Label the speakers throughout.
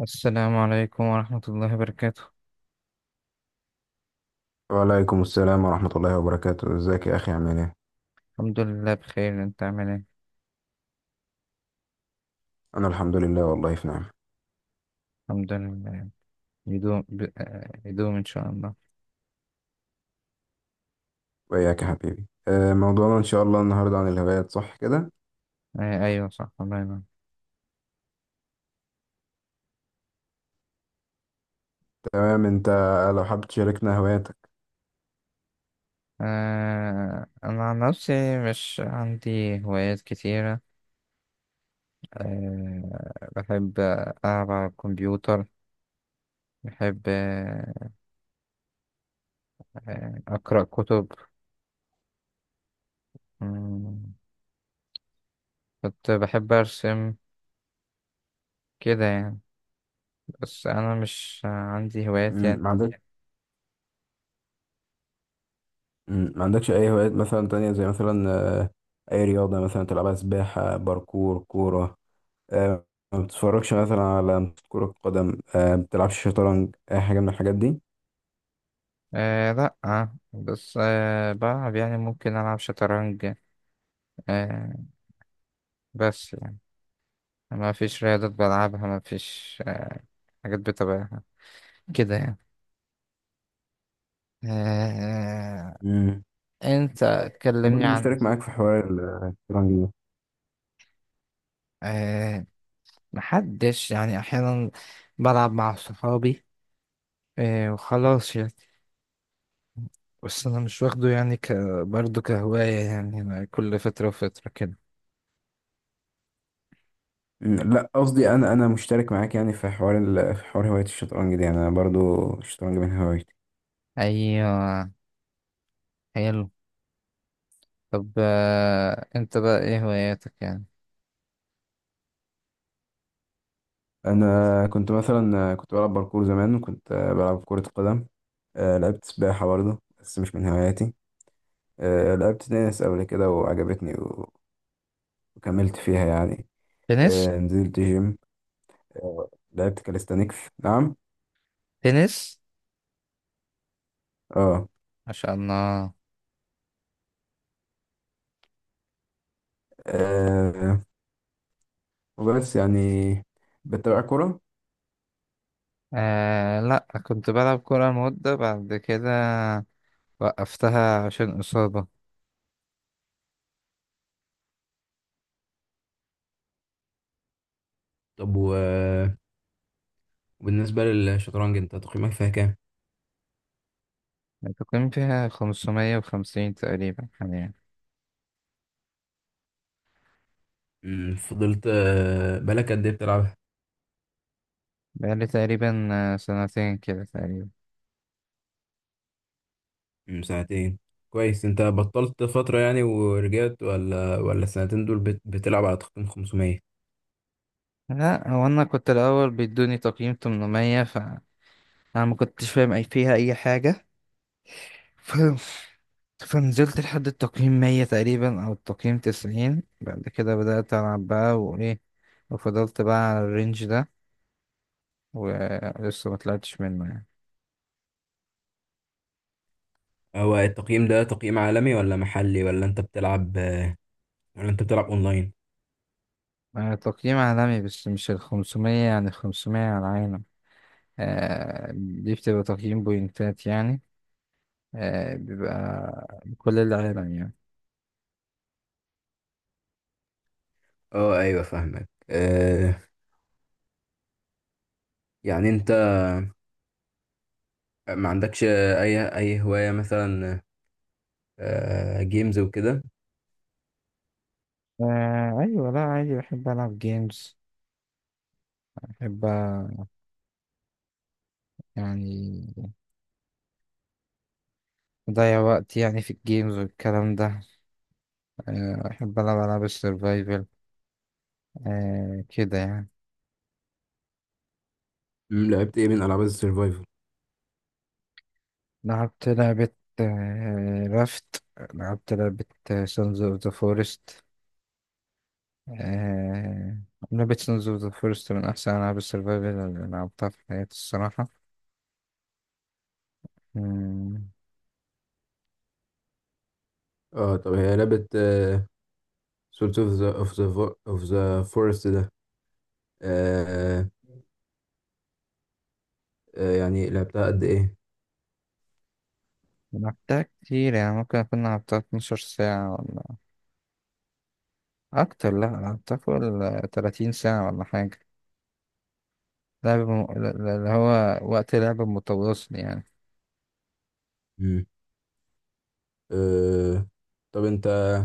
Speaker 1: السلام عليكم ورحمة الله وبركاته.
Speaker 2: وعليكم السلام ورحمة الله وبركاته، ازيك يا أخي عامل ايه؟
Speaker 1: الحمد لله بخير، انت عامل ايه؟
Speaker 2: أنا الحمد لله، والله في نعمة.
Speaker 1: الحمد لله. يدوم ان شاء الله.
Speaker 2: وإياك يا حبيبي. موضوعنا إن شاء الله النهاردة عن الهوايات، صح كده؟
Speaker 1: ايوه، صح، الله ينور.
Speaker 2: تمام. أنت لو حابب تشاركنا هواياتك.
Speaker 1: انا عن نفسي مش عندي هوايات كتيرة. بحب العب على الكمبيوتر. بحب اقرأ كتب. مم، كنت بحب ارسم، كده يعني. بس انا مش عندي هوايات
Speaker 2: مم،
Speaker 1: يعني.
Speaker 2: ما عندك ما عندكش أي هوايات مثلا تانية، زي مثلا آه، أي رياضة مثلا تلعبها، سباحة، باركور، كورة؟ آه، ما بتتفرجش مثلا على كرة قدم؟ ما بتلعبش شطرنج؟ أي حاجة من الحاجات دي؟
Speaker 1: لأ، بس بلعب، يعني ممكن ألعب شطرنج. آه بس يعني ما فيش رياضات بلعبها، ما فيش حاجات بتابعها، كده يعني. آه
Speaker 2: مم.
Speaker 1: أنت،
Speaker 2: أنا
Speaker 1: كلمني
Speaker 2: برضو
Speaker 1: عن.
Speaker 2: مشترك معاك في حوار الشطرنج ده.
Speaker 1: آه محدش، يعني أحيانا بلعب مع صحابي، وخلاص يعني. بس أنا مش واخده يعني برضه كهواية، يعني أنا كل فترة وفترة كده.
Speaker 2: لا، قصدي انا مشترك معاك، يعني في حوار هوايه الشطرنج دي، يعني انا برضو الشطرنج من هوايتي.
Speaker 1: أيوة، حلو. طب أنت بقى إيه هواياتك يعني؟
Speaker 2: انا كنت مثلا كنت بلعب باركور زمان، وكنت بلعب كره قدم. لعبت سباحه برضو، بس مش من هواياتي. لعبت تنس قبل كده وعجبتني وكملت فيها يعني.
Speaker 1: تنس.
Speaker 2: نزلت جيم. لعبت كاليستانيكس، نعم.
Speaker 1: تنس.
Speaker 2: اه.
Speaker 1: ما شاء الله.
Speaker 2: آه، وبس يعني. بتابع كوره.
Speaker 1: لا، كنت بلعب كورة مدة، بعد كده وقفتها عشان إصابة.
Speaker 2: طب وبالنسبة للشطرنج، انت تقييمك فيها كام؟
Speaker 1: التقييم فيها 550 تقريبا حاليا.
Speaker 2: مم، فضلت آه، بقالك قد ايه بتلعبها؟
Speaker 1: بقالي تقريبا سنتين كده تقريبا.
Speaker 2: سنتين. كويس. انت بطلت فترة يعني ورجعت، ولا السنتين دول بتلعب على تقييم 500؟
Speaker 1: لا، هو أنا كنت الأول بيدوني تقييم 800، فأنا ما كنتش فاهم فيها أي حاجة. ف... فنزلت لحد التقييم 100 تقريبا، أو التقييم 90. بعد كده بدأت ألعب بقى وإيه، وفضلت بقى على الرينج ده، ولسه ما طلعتش منه يعني.
Speaker 2: هو التقييم ده تقييم عالمي ولا محلي، ولا انت بتلعب اونلاين؟
Speaker 1: تقييم عالمي، بس مش الخمسمية، يعني الخمسمية على العالم. دي بتبقى تقييم بوينتات يعني. بيبقى كل العالم يعني.
Speaker 2: اه، ايوه، فاهمك. يعني انت ما عندكش اي هواية، مثلا جيمز وكده؟
Speaker 1: أيوة، لا عادي، بحب ألعب جيمز. بحب يعني أضيع وقت يعني في الجيمز والكلام ده. بحب ألعب ألعاب السرفايفل. كده يعني.
Speaker 2: لعبت ايه من العاب السرفايفل؟
Speaker 1: لعبت لعبة رافت. لعبت لعبة سانز اوف ذا فورست. آه... لعبة سونز أوف ذا فورست من أحسن ألعاب السرفايفل اللي لعبتها في حياتي الصراحة. مم،
Speaker 2: اه، طب هي لعبة سولت اوف ذا فورست ده، آه، يعني لعبتها قد ايه؟
Speaker 1: لعبتها كتير، يعني ممكن أكون لعبتها 12 ساعة ولا أكتر. لأ، لعبتها فوق ال 30 ساعة ولا حاجة. اللي هو وقت لعب متواصل يعني.
Speaker 2: مم. آه، طب انت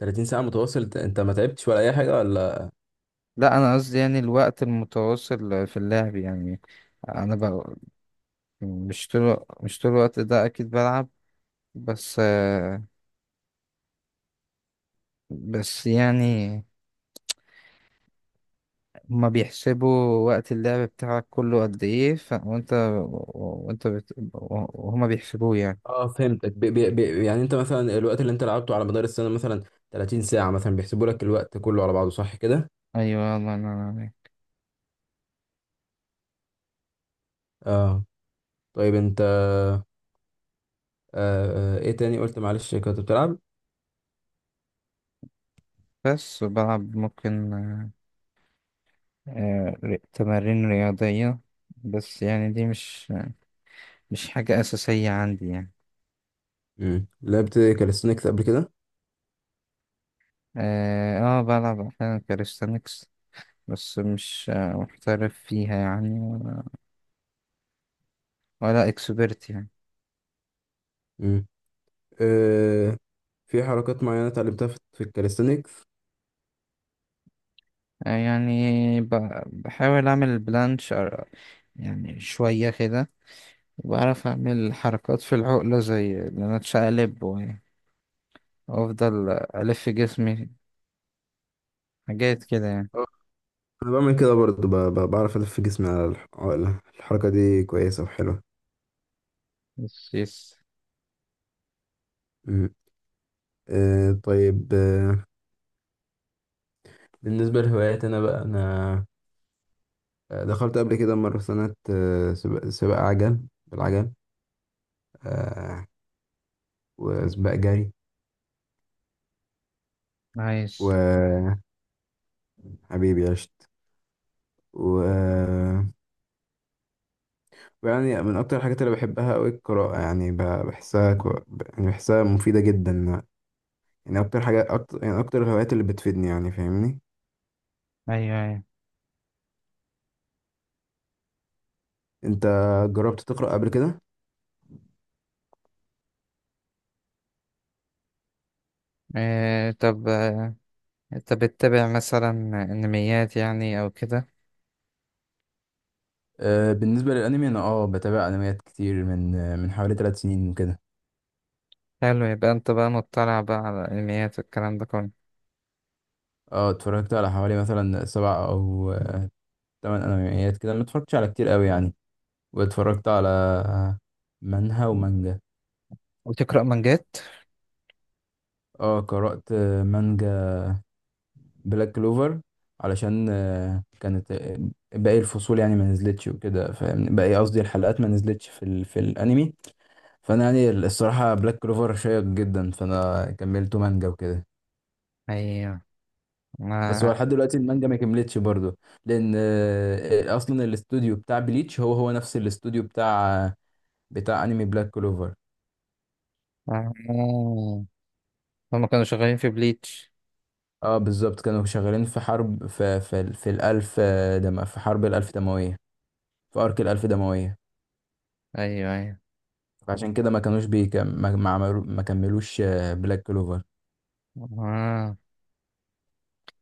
Speaker 2: 30 ساعة متواصل، انت ما تعبتش ولا اي حاجة ولا؟
Speaker 1: لأ، أنا قصدي يعني الوقت المتواصل في اللعب يعني. أنا ب... مش طول الوقت ده أكيد بلعب. بس آه، بس يعني هما بيحسبوا وقت اللعب بتاعك كله قد ايه. ف... وانت وانت بت... وهما بيحسبوه يعني.
Speaker 2: اه، فهمتك. بي بي بي يعني انت مثلا الوقت اللي انت لعبته على مدار السنة مثلا 30 ساعة، مثلا بيحسبوا لك الوقت كله على بعضه، صح كده؟
Speaker 1: ايوه، الله ينور عليك.
Speaker 2: اه، طيب انت. ايه تاني قلت؟ معلش، كنت بتلعب.
Speaker 1: بس بلعب ممكن تمارين رياضية. بس يعني دي مش حاجة أساسية عندي يعني.
Speaker 2: لعبت كاليستونيكس قبل كده؟
Speaker 1: اه، بلعب أحيانا كاليستانكس، بس مش محترف فيها يعني، ولا اكسبرت يعني.
Speaker 2: امم آه في حركات معينة اتعلمتها في الكاليستونيكس؟
Speaker 1: يعني بحاول أعمل بلانش، يعني شوية كده. بعرف أعمل حركات في العقلة، زي إن أنا أتشقلب وأفضل ألف جسمي، حاجات كده يعني.
Speaker 2: آه، انا بعمل كده برضه. بعرف الف جسمي على الحركة دي، كويسة وحلوة.
Speaker 1: يس، يس.
Speaker 2: مم. طيب. بالنسبة لهواياتي أنا بقى، أنا آه، دخلت قبل كده مرة سنة سباق عجل، بالعجل، آه، وسباق جري.
Speaker 1: نايس.
Speaker 2: وحبيبي، عشت. و... ويعني من أكتر الحاجات اللي بحبها أوي القراءة، يعني بحسها يعني بحسها مفيدة جدا. يعني أكتر الهوايات اللي بتفيدني، يعني فاهمني؟
Speaker 1: أيوه، أيوه.
Speaker 2: أنت جربت تقرأ قبل كده؟
Speaker 1: طب أنت بتتابع مثلا أنميات، يعني أو كده؟
Speaker 2: بالنسبة للأنمي، أنا بتابع أنميات كتير من، من حوالي 3 سنين وكده.
Speaker 1: حلو، يبقى أنت بقى مطلع بقى على الأنميات والكلام ده كله.
Speaker 2: اه، اتفرجت على حوالي مثلا 7 او 8 انميات كده، ما اتفرجتش على كتير قوي يعني. واتفرجت على منهwa ومانجا.
Speaker 1: وتقرأ مانجات؟
Speaker 2: اه، قرأت مانجا بلاك كلوفر، علشان كانت باقي الفصول يعني ما نزلتش وكده، فاهمني؟ باقي قصدي الحلقات ما نزلتش في الانمي. فانا يعني الصراحة بلاك كلوفر شيق جدا، فانا كملته مانجا وكده.
Speaker 1: أيوه.
Speaker 2: بس هو
Speaker 1: ما
Speaker 2: لحد دلوقتي المانجا ما كملتش برضه، لان اصلا الاستوديو بتاع بليتش هو نفس الاستوديو بتاع انمي بلاك كلوفر.
Speaker 1: آه. هما كانوا شغالين في بليتش.
Speaker 2: اه، بالظبط، كانوا شغالين في حرب، في الالف، دم، في حرب الالف دمويه، في ارك الالف دمويه.
Speaker 1: أيوه، أيوه.
Speaker 2: فعشان كده ما كانوش بيكم، ما عملو ما كملوش بلاك كلوفر.
Speaker 1: آه.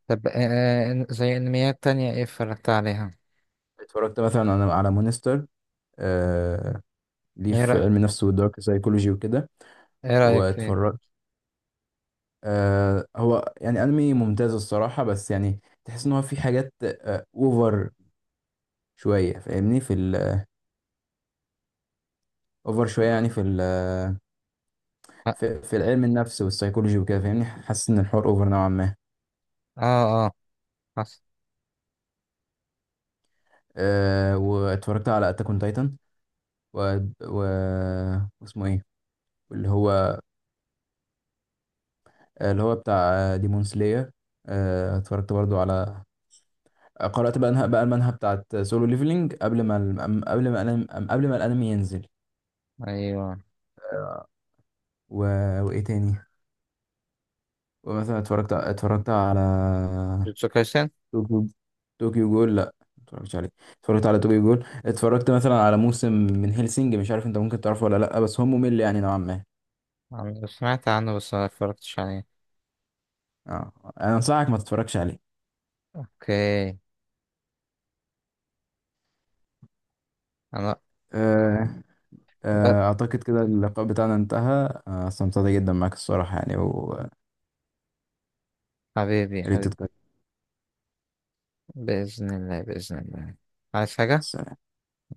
Speaker 1: طب زي أنميات تانية إيه اتفرجت عليها؟
Speaker 2: اتفرجت مثلا انا على مونستر، آه ليه في
Speaker 1: ايه
Speaker 2: علم النفس والدارك سايكولوجي وكده.
Speaker 1: ايه رأيك فيه؟
Speaker 2: واتفرجت، هو يعني انمي ممتاز الصراحه، بس يعني تحس ان هو في حاجات اوفر شويه، فاهمني؟ في الاوفر شويه يعني، في ال... آه،
Speaker 1: اه،
Speaker 2: في, في العلم النفس والسيكولوجي وكده، فاهمني؟ حاسس ان الحوار اوفر نوعا ما.
Speaker 1: اه، حصل.
Speaker 2: واتفرجت على اتاك اون تايتن، و... و... واسمه ايه، اللي هو اللي هو بتاع ديمون سلاير. اتفرجت برضو على، قرأت بقى بقى المانهوا بتاعت سولو ليفلينج، قبل ما ال... قبل ما الانمي قبل ما الانمي ينزل.
Speaker 1: ايوه،
Speaker 2: آه، و... وايه تاني؟ ومثلا اتفرجت على
Speaker 1: جوتسو كايسن.
Speaker 2: طوكيو طوكيو جول. لا، متفرجتش عليه. اتفرجت على طوكيو جول. اتفرجت مثلا على موسم من هيلسينج، مش عارف انت ممكن تعرفه ولا لا، بس هو ممل يعني نوعا ما.
Speaker 1: أنا سمعت عنه بس ما اتفرجتش عليه.
Speaker 2: اه، انا انصحك ما تتفرجش عليه.
Speaker 1: اوكي. انا
Speaker 2: آه،
Speaker 1: ب-
Speaker 2: اعتقد كده اللقاء بتاعنا انتهى. استمتعت جدا معاك الصراحة، يعني، ويا
Speaker 1: حبيبي،
Speaker 2: ريت
Speaker 1: حبيبي.
Speaker 2: تتكلم.
Speaker 1: بإذن الله، بإذن الله. عايز
Speaker 2: مع
Speaker 1: حاجة؟
Speaker 2: السلامة.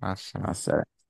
Speaker 1: مع
Speaker 2: مع
Speaker 1: السلامة.
Speaker 2: السلامة.